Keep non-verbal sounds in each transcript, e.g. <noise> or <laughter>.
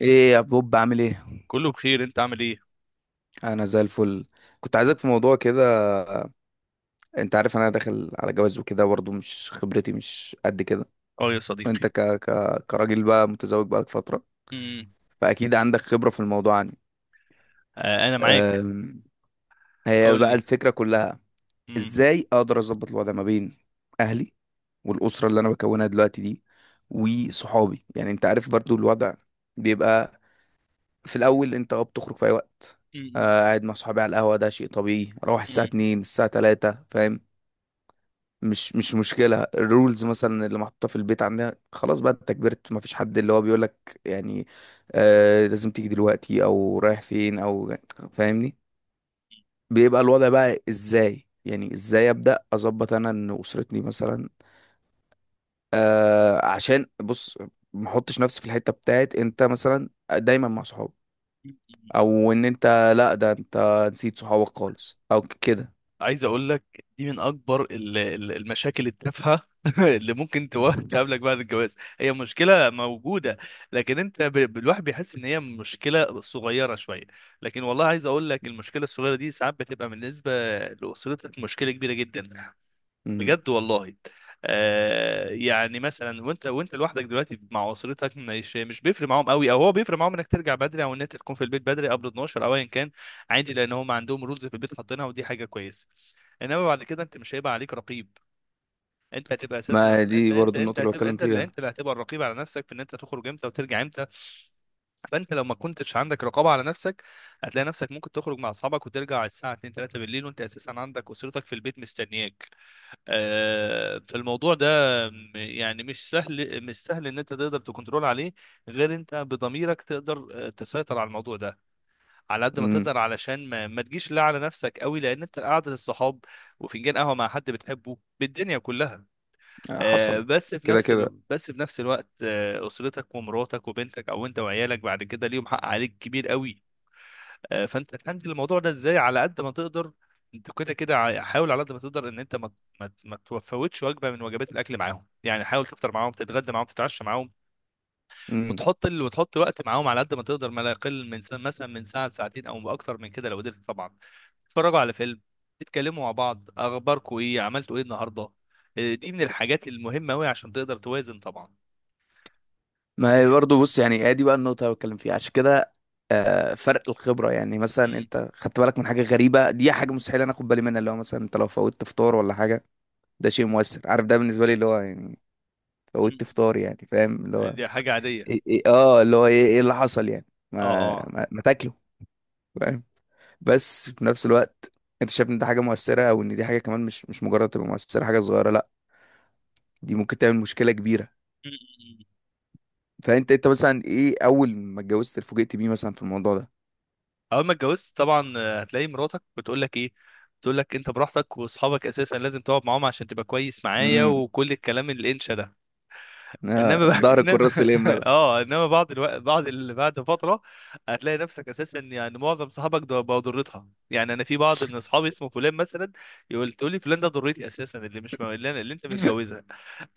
ايه يا بوب، عامل ايه؟ كله بخير، انت عامل ايه؟ انا زي الفل. كنت عايزك في موضوع كده. انت عارف انا داخل على جواز وكده، برضه مش خبرتي مش قد كده. اه يا صديقي. وانت كراجل بقى متزوج بقالك فترة، امم فاكيد عندك خبرة في الموضوع عني. آه انا معاك. أم... هي قول بقى لي. الفكرة كلها، امم. ازاي اقدر اظبط الوضع ما بين اهلي والاسرة اللي انا بكونها دلوقتي دي وصحابي؟ يعني انت عارف برضه الوضع بيبقى. في الاول انت، اه، بتخرج في اي وقت. امم. آه، قاعد مع صحابي على القهوه، ده شيء طبيعي اروح الساعه امم. 2 الساعه 3، فاهم؟ مش مشكله الرولز مثلا اللي محطوطه في البيت عندنا. خلاص بقى انت كبرت، ما فيش حد اللي هو بيقول لك يعني آه لازم تيجي دلوقتي او رايح فين او، فاهمني؟ بيبقى الوضع بقى ازاي؟ يعني ازاي ابدا اظبط انا ان اسرتني مثلا، آه، عشان بص، ما احطش نفسي في الحته بتاعت انت مثلا دايما مع صحابك، امم. او ان انت، لا ده انت نسيت صحابك خالص او كده. عايز اقول لك دي من اكبر المشاكل التافهه <laughs> اللي ممكن تقابلك بعد الجواز، هي مشكله موجوده، لكن انت الواحد بيحس ان هي مشكله صغيره شويه، لكن والله عاس اقول لك المشكله الصغيره دي ساعات بتبقى بالنسبه لاسرتك مشكله كبيره جدا، مم. بجد والله. آه يعني مثلا وانت لوحدك دلوقتي مع اسرتك مش بيفرق معاهم قوي، او هو بيفرق معاهم انك ترجع بدري او ان انت تكون في البيت بدري قبل 12 او ايا كان. عادي لان هم عندهم رولز في البيت حاطينها ودي حاجه كويسه. انما بعد كده انت مش هيبقى عليك رقيب. انت هتبقى اساسا ما انت دي انت برضو انت النقطة اللي هتبقى بتكلم انت فيها. اللي هتبقى الرقيب على نفسك في ان انت تخرج امتى وترجع امتى. فانت لو ما كنتش عندك رقابه على نفسك، هتلاقي نفسك ممكن تخرج مع اصحابك وترجع على الساعه 2 3 بالليل، وانت اساسا عندك اسرتك في البيت مستنياك. فالموضوع ده يعني مش سهل، ان انت تقدر تكنترول عليه غير انت بضميرك تقدر تسيطر على الموضوع ده على قد ما مم. تقدر، علشان ما تجيش لا على نفسك قوي، لان انت قعدة الصحاب وفنجان قهوه مع حد بتحبه بالدنيا كلها. حصل. كده كده. بس في نفس الوقت، اسرتك ومراتك وبنتك او انت وعيالك بعد كده ليهم حق عليك كبير قوي. فانت تهندل الموضوع ده ازاي على قد ما تقدر. انت كده كده حاول على قد ما تقدر ان انت ما تفوتش وجبه من وجبات الاكل معاهم، يعني حاول تفطر معاهم، تتغدى معاهم، تتعشى معاهم. مم. وتحط وقت معاهم على قد ما تقدر، ما لا يقل من مثلا من ساعه لساعتين، او اكتر من كده لو قدرت طبعا. تتفرجوا على فيلم، تتكلموا مع بعض، اخباركم ايه، عملتوا ايه النهارده. إيه، دي من الحاجات المهمه قوي عشان تقدر توازن طبعا. ما هي فاهم. برضو، بص يعني، هي دي بقى النقطة اللي بتكلم فيها، عشان كده، آه، فرق الخبرة. يعني مثلا مم. انت خدت بالك من حاجة غريبة، دي حاجة مستحيل انا اخد بالي منها، اللي هو مثلا انت لو فوتت فطار ولا حاجة. ده شيء مؤثر، عارف؟ ده بالنسبة لي اللي هو يعني مم. فوتت فطار، يعني فاهم اللي هو دي حاجه عاديه. إيه إيه؟ اه اللي هو ايه ايه اللي حصل يعني؟ اه، اه. ما تاكله، فاهم؟ بس في نفس الوقت انت شايف ان دي حاجه مؤثره، او ان دي حاجه كمان مش مجرد تبقى مؤثره حاجه صغيره، لا، دي ممكن تعمل مشكله كبيره. مم. فانت انت مثلا، ايه اول ما اتجوزت اتفوجئت بيه مثلا في الموضوع ده؟ اول ما اتجوزت طبعا، هتلاقي مراتك بتقول لك ايه. بتقول لك انت براحتك، واصحابك اساسا لازم تقعد معاهم عشان تبقى كويس معايا، امم. وكل الكلام الانشا ده. انما آه، بقى ظهر الكراسة انما <laughs> الاملا. اه انما بعض الوقت، بعد فتره هتلاقي نفسك اساسا، يعني معظم صحابك ده بقوا ضرتها. يعني انا في بعض من اصحابي اسمه فلان مثلا، تقول لي فلان ده ضرتي اساسا، اللي مش م- اللي, أنا... اللي انت ده متجوزها،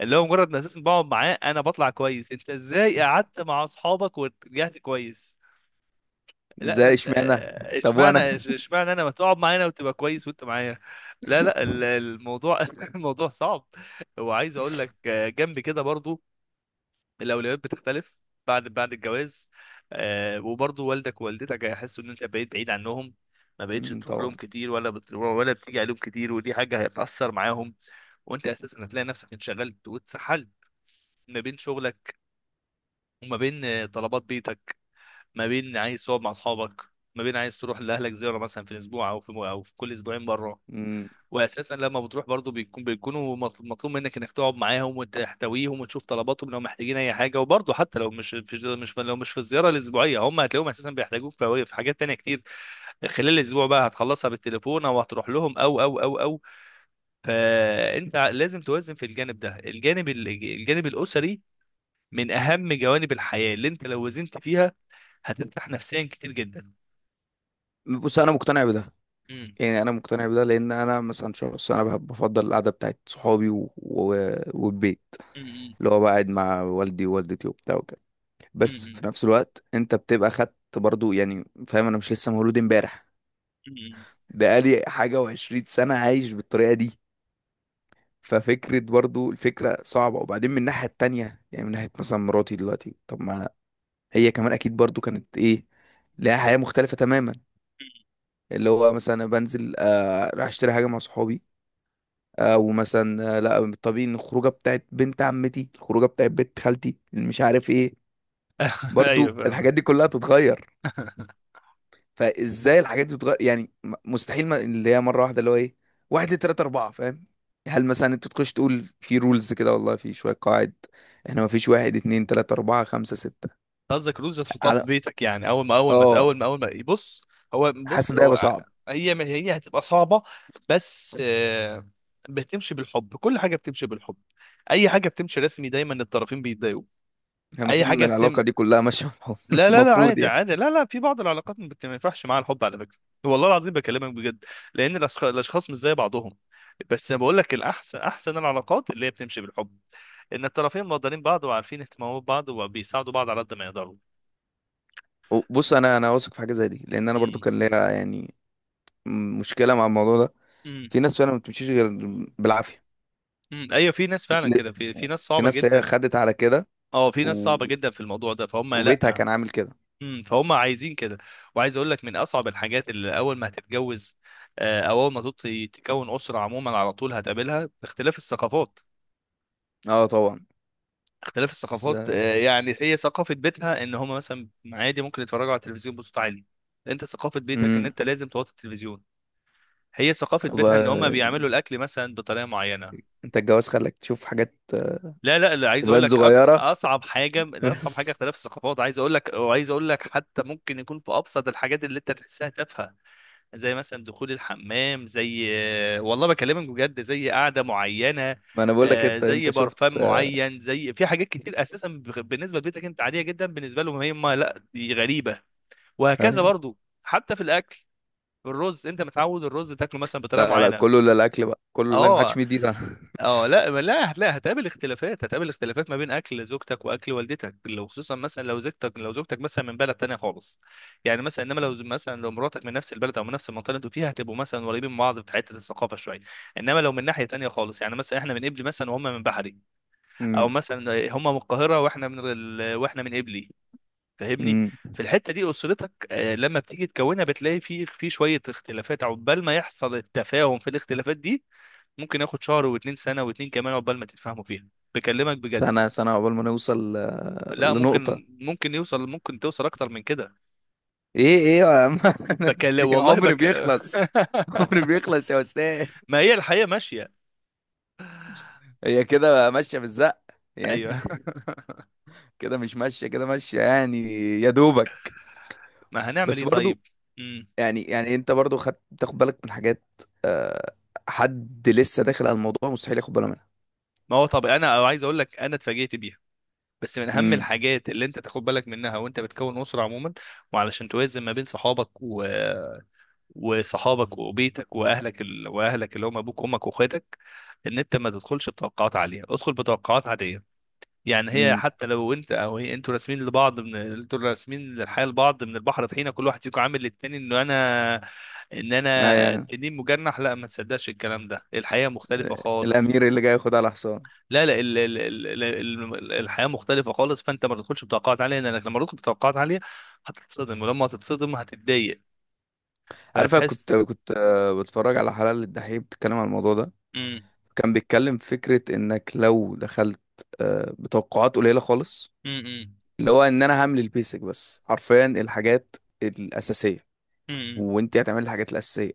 اللي هو مجرد ما اساسا بقعد معاه انا بطلع كويس، انت ازاي قعدت مع اصحابك ورجعت كويس؟ لا، ما ازاي؟ انت اشمعنى؟ آه، طب اشمعنى وانا؟ اشمعنى انا، ما تقعد معانا وتبقى كويس وانت معايا. لا، لا، <laughs> الموضوع <laughs> الموضوع صعب. وعايز اقول لك جنب كده برضو، الاولويات بتختلف بعد الجواز. وبرضه والدك ووالدتك هيحسوا ان انت بقيت بعيد عنهم، ما بقتش امم. تروح لهم طبعا. كتير ولا بتيجي عليهم كتير، ودي حاجه هتاثر معاهم. وانت اساسا هتلاقي نفسك انشغلت واتسحلت ما بين شغلك، وما بين طلبات بيتك، ما بين عايز تقعد مع اصحابك، ما بين عايز تروح لاهلك زياره مثلا في الاسبوع، او في كل اسبوعين مره. امم. واساسا لما بتروح برضو بيكونوا مطلوب منك انك تقعد معاهم وتحتويهم وتشوف طلباتهم لو محتاجين اي حاجه. وبرضو حتى لو مش مش مش لو مش في الزياره الاسبوعيه، هم هتلاقيهم اساسا بيحتاجوك في حاجات تانية كتير. خلال الاسبوع بقى هتخلصها بالتليفون او هتروح لهم او. فانت لازم توازن في الجانب ده، الجانب الاسري، من اهم جوانب الحياه، اللي انت لو وزنت فيها هترتاح نفسيا كتير جدا. بص انا مقتنع بده، امم. يعني انا مقتنع بده. لان انا مثلا شخص انا بحب، بفضل القعده بتاعت صحابي والبيت، امم. اللي هو بقعد مع والدي ووالدتي وبتاع وكده. بس امم. في نفس الوقت انت بتبقى خدت برضو، يعني فاهم، انا مش لسه مولود امبارح. امم. بقالي حاجة وعشرين سنة عايش بالطريقة دي، ففكرة برضو الفكرة صعبة. وبعدين من الناحية التانية، يعني من ناحية مثلا مراتي دلوقتي، طب ما هي كمان أكيد برضو كانت إيه، لها حياة مختلفة تماما. اللي هو مثلا أنا بنزل، آه، راح أشتري حاجة مع صحابي، أو مثلا آه لا طبيعي إن الخروجة بتاعت بنت عمتي، الخروجة بتاعت بنت خالتي اللي مش عارف إيه. <laughs> ايوه، برضو فاهمك. الحاجات دي كلها تتغير. فازاي الحاجات دي بتغير يعني؟ مستحيل، ما اللي هي مره واحده اللي هو ايه، واحد اتنين تلاته اربعه، فاهم؟ هل مثلا انت تخش تقول في رولز كده، والله في شويه قواعد احنا، ما فيش واحد اتنين تلاته اربعه خمسه سته قصدك رولز تحطها في على، بيتك، يعني اول ما اول ما اول اه؟ ما اول ما بص، حاسس ان ده هيبقى هو، صعب. هي هتبقى صعبه. بس، بتمشي بالحب. كل حاجه بتمشي بالحب. اي حاجه بتمشي رسمي دايما الطرفين بيتضايقوا. يعني اي المفروض ان حاجه بتم العلاقه دي كلها ماشيه مع بعض. <laughs> لا، لا، لا، المفروض عادي يعني. عادي، لا، لا، في بعض العلاقات ما ينفعش معاها الحب على فكره. والله العظيم بكلمك بجد، لان الاشخاص مش زي بعضهم. بس انا بقول لك الاحسن، العلاقات اللي هي بتمشي بالحب، ان الطرفين مقدرين بعض وعارفين اهتمامات بعض وبيساعدوا بعض على قد ما يقدروا. بص انا واثق في حاجه زي دي، لان انا برضو كان ليا يعني مشكله مع الموضوع ده. امم. في ناس فعلا ما بتمشيش غير بالعافيه. امم، ايوه، في ناس فعلا ل- كده، في ناس في صعبه ناس هي جدا. خدت على كده، اه، في ناس و... صعبه جدا في الموضوع ده، فهم وبيتها لا. كان عامل كده. امم، فهم عايزين كده. وعايز اقول لك من اصعب الحاجات اللي اول ما هتتجوز، او اول ما تكون اسره عموما، على طول هتقابلها اختلاف الثقافات. اه طبعا. اختلاف بس. الثقافات، يعني هي ثقافه بيتها ان هم مثلا عادي ممكن يتفرجوا على التلفزيون بصوت عالي، انت ثقافه بيتك ان امم انت لازم توطي التلفزيون. هي ثقافه بيتها ان بقى، هم بيعملوا الاكل مثلا بطريقه معينه. انت الجواز خلاك تشوف حاجات، آه، لا، لا، لا، عايز اقول تبان لك، صغيرة. اصعب حاجه، <laughs> لا، اصعب حاجه بس اختلاف الثقافات. عايز اقول لك وعايز اقول لك حتى ممكن يكون في ابسط الحاجات اللي انت تحسها تافهه، زي مثلا دخول الحمام، زي والله بكلمك بجد، زي قعده معينه، ما انا بقول لك، انت زي شفت. برفان معين، زي في حاجات كتير اساسا بالنسبه لبيتك انت عاديه جدا، بالنسبه لهم هي ما لا دي غريبه، وهكذا ايوه. برضو. حتى في الاكل، الرز انت متعود الرز تاكله مثلا بطريقه لا لا كله، معينه. لا الاكل بقى كله لا، محدش اه، ميد ايده. اه. لا لا، لا، هتقابل اختلافات، ما بين اكل زوجتك واكل والدتك، لو خصوصا مثلا لو زوجتك، مثلا من بلد تانية خالص. يعني مثلا، انما لو مراتك من نفس البلد او من نفس المنطقه اللي انتوا فيها، هتبقوا مثلا قريبين من بعض في حته الثقافه شويه. انما لو من ناحيه تانية خالص، يعني مثلا احنا من قبلي مثلا وهم من بحري، او امم. مثلا هم من القاهره واحنا من قبلي. فاهمني. امم. <laughs> في الحته دي اسرتك، لما بتيجي تكونها بتلاقي في شويه اختلافات، عقبال ما يحصل التفاهم في الاختلافات دي، ممكن ياخد شهر واتنين، سنة واتنين كمان، عقبال ما تتفاهموا فيها، بكلمك بجد. سنة سنة عقبال ما نوصل، آه، لا، ممكن، لنقطة. ممكن يوصل ممكن توصل اكتر من كده. ايه ايه يا عم. <laughs> في والله عمر بيخلص. عمر <laughs> بيخلص يا استاذ. ما هي الحياة ماشية. هي كده بقى ماشية بالزق يعني. ايوه. <laughs> <laughs> كده مش ماشية، كده ماشية يعني، يا دوبك. ما هنعمل بس ايه برضو طيب؟ امم. يعني، يعني انت برضو خدت، تاخد بالك من حاجات، آه، حد لسه داخل على الموضوع مستحيل ياخد باله منها. ما هو طب، انا عايز اقول لك، انا اتفاجئت بيها، بس من اهم امم. الحاجات اللي انت تاخد بالك منها وانت بتكون اسره عموما. وعلشان توازن ما بين وصحابك وبيتك واهلك، واهلك اللي هم ابوك وامك واخواتك، ان انت ما تدخلش بتوقعات عاليه، ادخل بتوقعات عاديه. يعني هي امم. حتى لو انت او هي، انتوا راسمين لبعض، من انتوا راسمين للحياه لبعض من البحر طحينه، كل واحد فيكم عامل للتاني انه انا، ان انا ايوه. التنين مجنح، لا ما تصدقش الكلام ده، الحياه مختلفه الامير خالص. اللي جاي ياخد على حصان. لا، لا، الحياه مختلفه خالص. فانت ما تدخلش بتوقعات عاليه، لانك لما تدخل بتوقعات عاليه هتتصدم، ولما هتتصدم هتتضايق، عارف، انا فهتحس. كنت آه، بتفرج على حلقه الدحيح بتتكلم على الموضوع ده. امم. كان بيتكلم في فكره، انك لو دخلت، آه، بتوقعات قليله خالص، امم. اللي هو ان انا هعمل البيسك بس، حرفيا الحاجات الاساسيه، امم. وانت هتعمل الحاجات الاساسيه.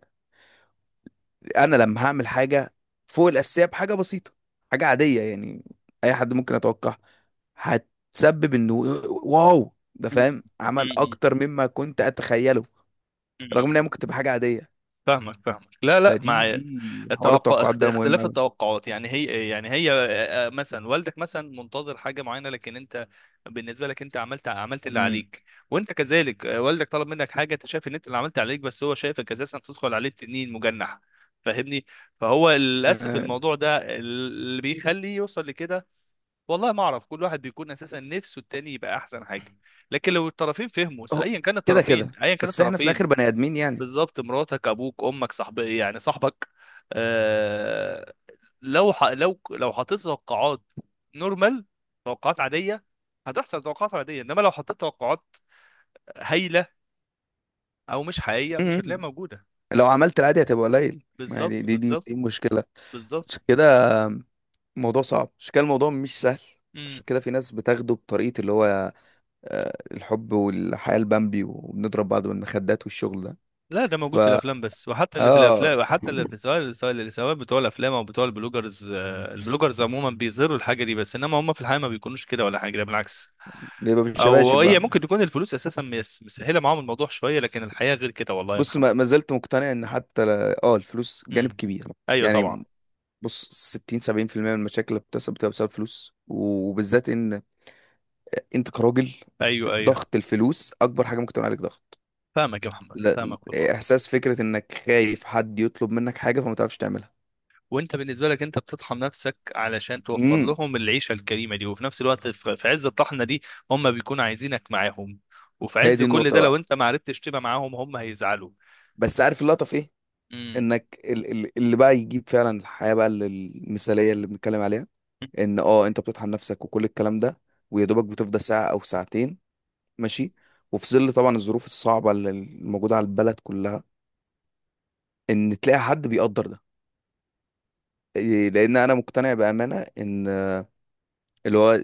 انا لما هعمل حاجه فوق الاساسيه بحاجه بسيطه، حاجه عاديه يعني، اي حد ممكن يتوقعها، هتسبب انه واو، ده فاهم عمل اكتر مما كنت اتخيله، رغم ان هي امم. ممكن تبقى حاجه عاديه. فاهمك، لا، لا، فدي دي حوار التوقع، التوقعات ده مهم اختلاف قوي. التوقعات، يعني هي، يعني هي مثلا والدك مثلا منتظر حاجه معينه، لكن انت بالنسبه لك انت عملت اللي امم. عليك. وانت كذلك والدك طلب منك حاجه انت شايف ان انت اللي عملت عليك، بس هو شايفك اساسا بتدخل عليه تنين مجنح، فاهمني. فهو للاسف آه، الموضوع ده اللي بيخليه يوصل لكده. والله ما اعرف، كل واحد بيكون اساسا نفسه التاني يبقى احسن حاجه. لكن لو الطرفين فهموا، أهو، ايا كان كده الطرفين، كده، بس احنا في الاخر بني ادمين يعني. بالظبط، مراتك ابوك امك يعني صاحبك. آه لو لو حطيت توقعات نورمال، توقعات عاديه، هتحصل توقعات عاديه. انما لو حطيت توقعات هايله او مش حقيقيه، مش هتلاقيها مم. موجوده. لو عملت العادي هتبقى قليل، ما هي بالظبط. بالظبط. دي مشكله. بالظبط. عشان كده الموضوع صعب، عشان كده الموضوع مش سهل، عشان كده في ناس بتاخده بطريقه اللي هو، آه، الحب والحياة البامبي وبنضرب بعض بالمخدات والشغل ده. لا ده ف، موجود في الافلام بس. وحتى اللي في اه، الافلام، وحتى اللي في، سواء سواء اللي سواء بتوع الافلام او بتوع البلوجرز، البلوجرز عموما بيظهروا الحاجه دي، بس انما هم في الحقيقه ما بيكونوش كده ولا حاجه، ده بالعكس. بيبقى او بالشباشب هي بقى. ممكن تكون الفلوس اساسا مسهله معاهم الموضوع شويه، لكن الحياه غير كده والله يا بص محمد. ما زلت مقتنع ان حتى اه، الفلوس جانب امم. كبير ايوه طبعا. يعني. بص 60 70% من المشاكل اللي بتحصل بتبقى بسبب فلوس، وبالذات ان انت كراجل، ايوه، ايوه، ضغط الفلوس اكبر حاجه ممكن تعمل عليك ضغط. فاهمك يا محمد، لا، فاهمك والله. احساس، فكره انك خايف حد يطلب منك حاجه فما تعرفش تعملها. وانت بالنسبه لك انت بتطحن نفسك علشان توفر امم. لهم العيشه الكريمه دي، وفي نفس الوقت في عز الطحنه دي هم بيكونوا عايزينك معاهم، وفي هي عز دي كل النقطه ده لو بقى. انت ما عرفتش تبقى معاهم هم هيزعلوا. بس عارف اللقطه في ايه؟ امم. انك اللي بقى يجيب فعلا الحياة بقى المثالية اللي بنتكلم عليها، ان اه انت بتطحن نفسك وكل الكلام ده، ويا دوبك بتفضى ساعة او ساعتين، ماشي، وفي ظل طبعا الظروف الصعبة اللي الموجودة على البلد كلها، ان تلاقي حد بيقدر ده. إيه، لان انا مقتنع بأمانة ان اللي هو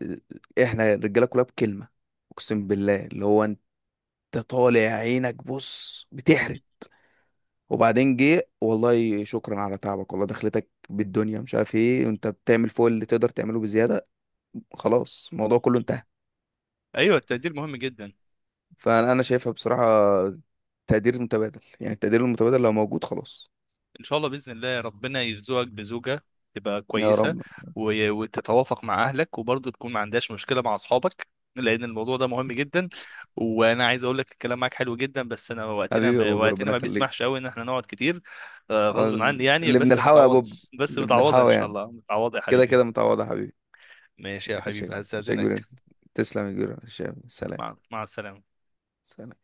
احنا الرجالة كلها بكلمة، اقسم بالله اللي هو انت طالع عينك بص بتحرق، وبعدين جه والله شكرا على تعبك والله دخلتك بالدنيا مش عارف ايه، وانت بتعمل فوق اللي تقدر تعمله بزياده، خلاص الموضوع كله انتهى. ايوه، التقدير مهم جدا. فانا، أنا شايفها بصراحه، تقدير متبادل. يعني التقدير المتبادل لو موجود، خلاص. ان شاء الله باذن الله ربنا يرزقك بزوجه تبقى يا كويسه، رب. وتتوافق مع اهلك وبرضه تكون ما عندهاش مشكله مع اصحابك، لان الموضوع ده مهم جدا. وانا عايز اقول لك الكلام معاك حلو جدا، بس انا حبيبي يا بوب، وقتنا ربنا ما يخليك. بيسمحش قوي ان احنا نقعد كتير، آه، غصب عني يعني اللي بس بنلحقه يا متعوض. بوب. بس اللي متعوضه ان بنلحقه شاء يعني. الله، متعوضه يا كده حبيبي. كده متعوضه يا حبيبي. ماشي يا ماشي يا حبيبي، كبير- ماشي يا كبير. هستاذنك. تسلم يا كبير، ماشي يا- حبيبي. سلام. مع السلامه. سلام.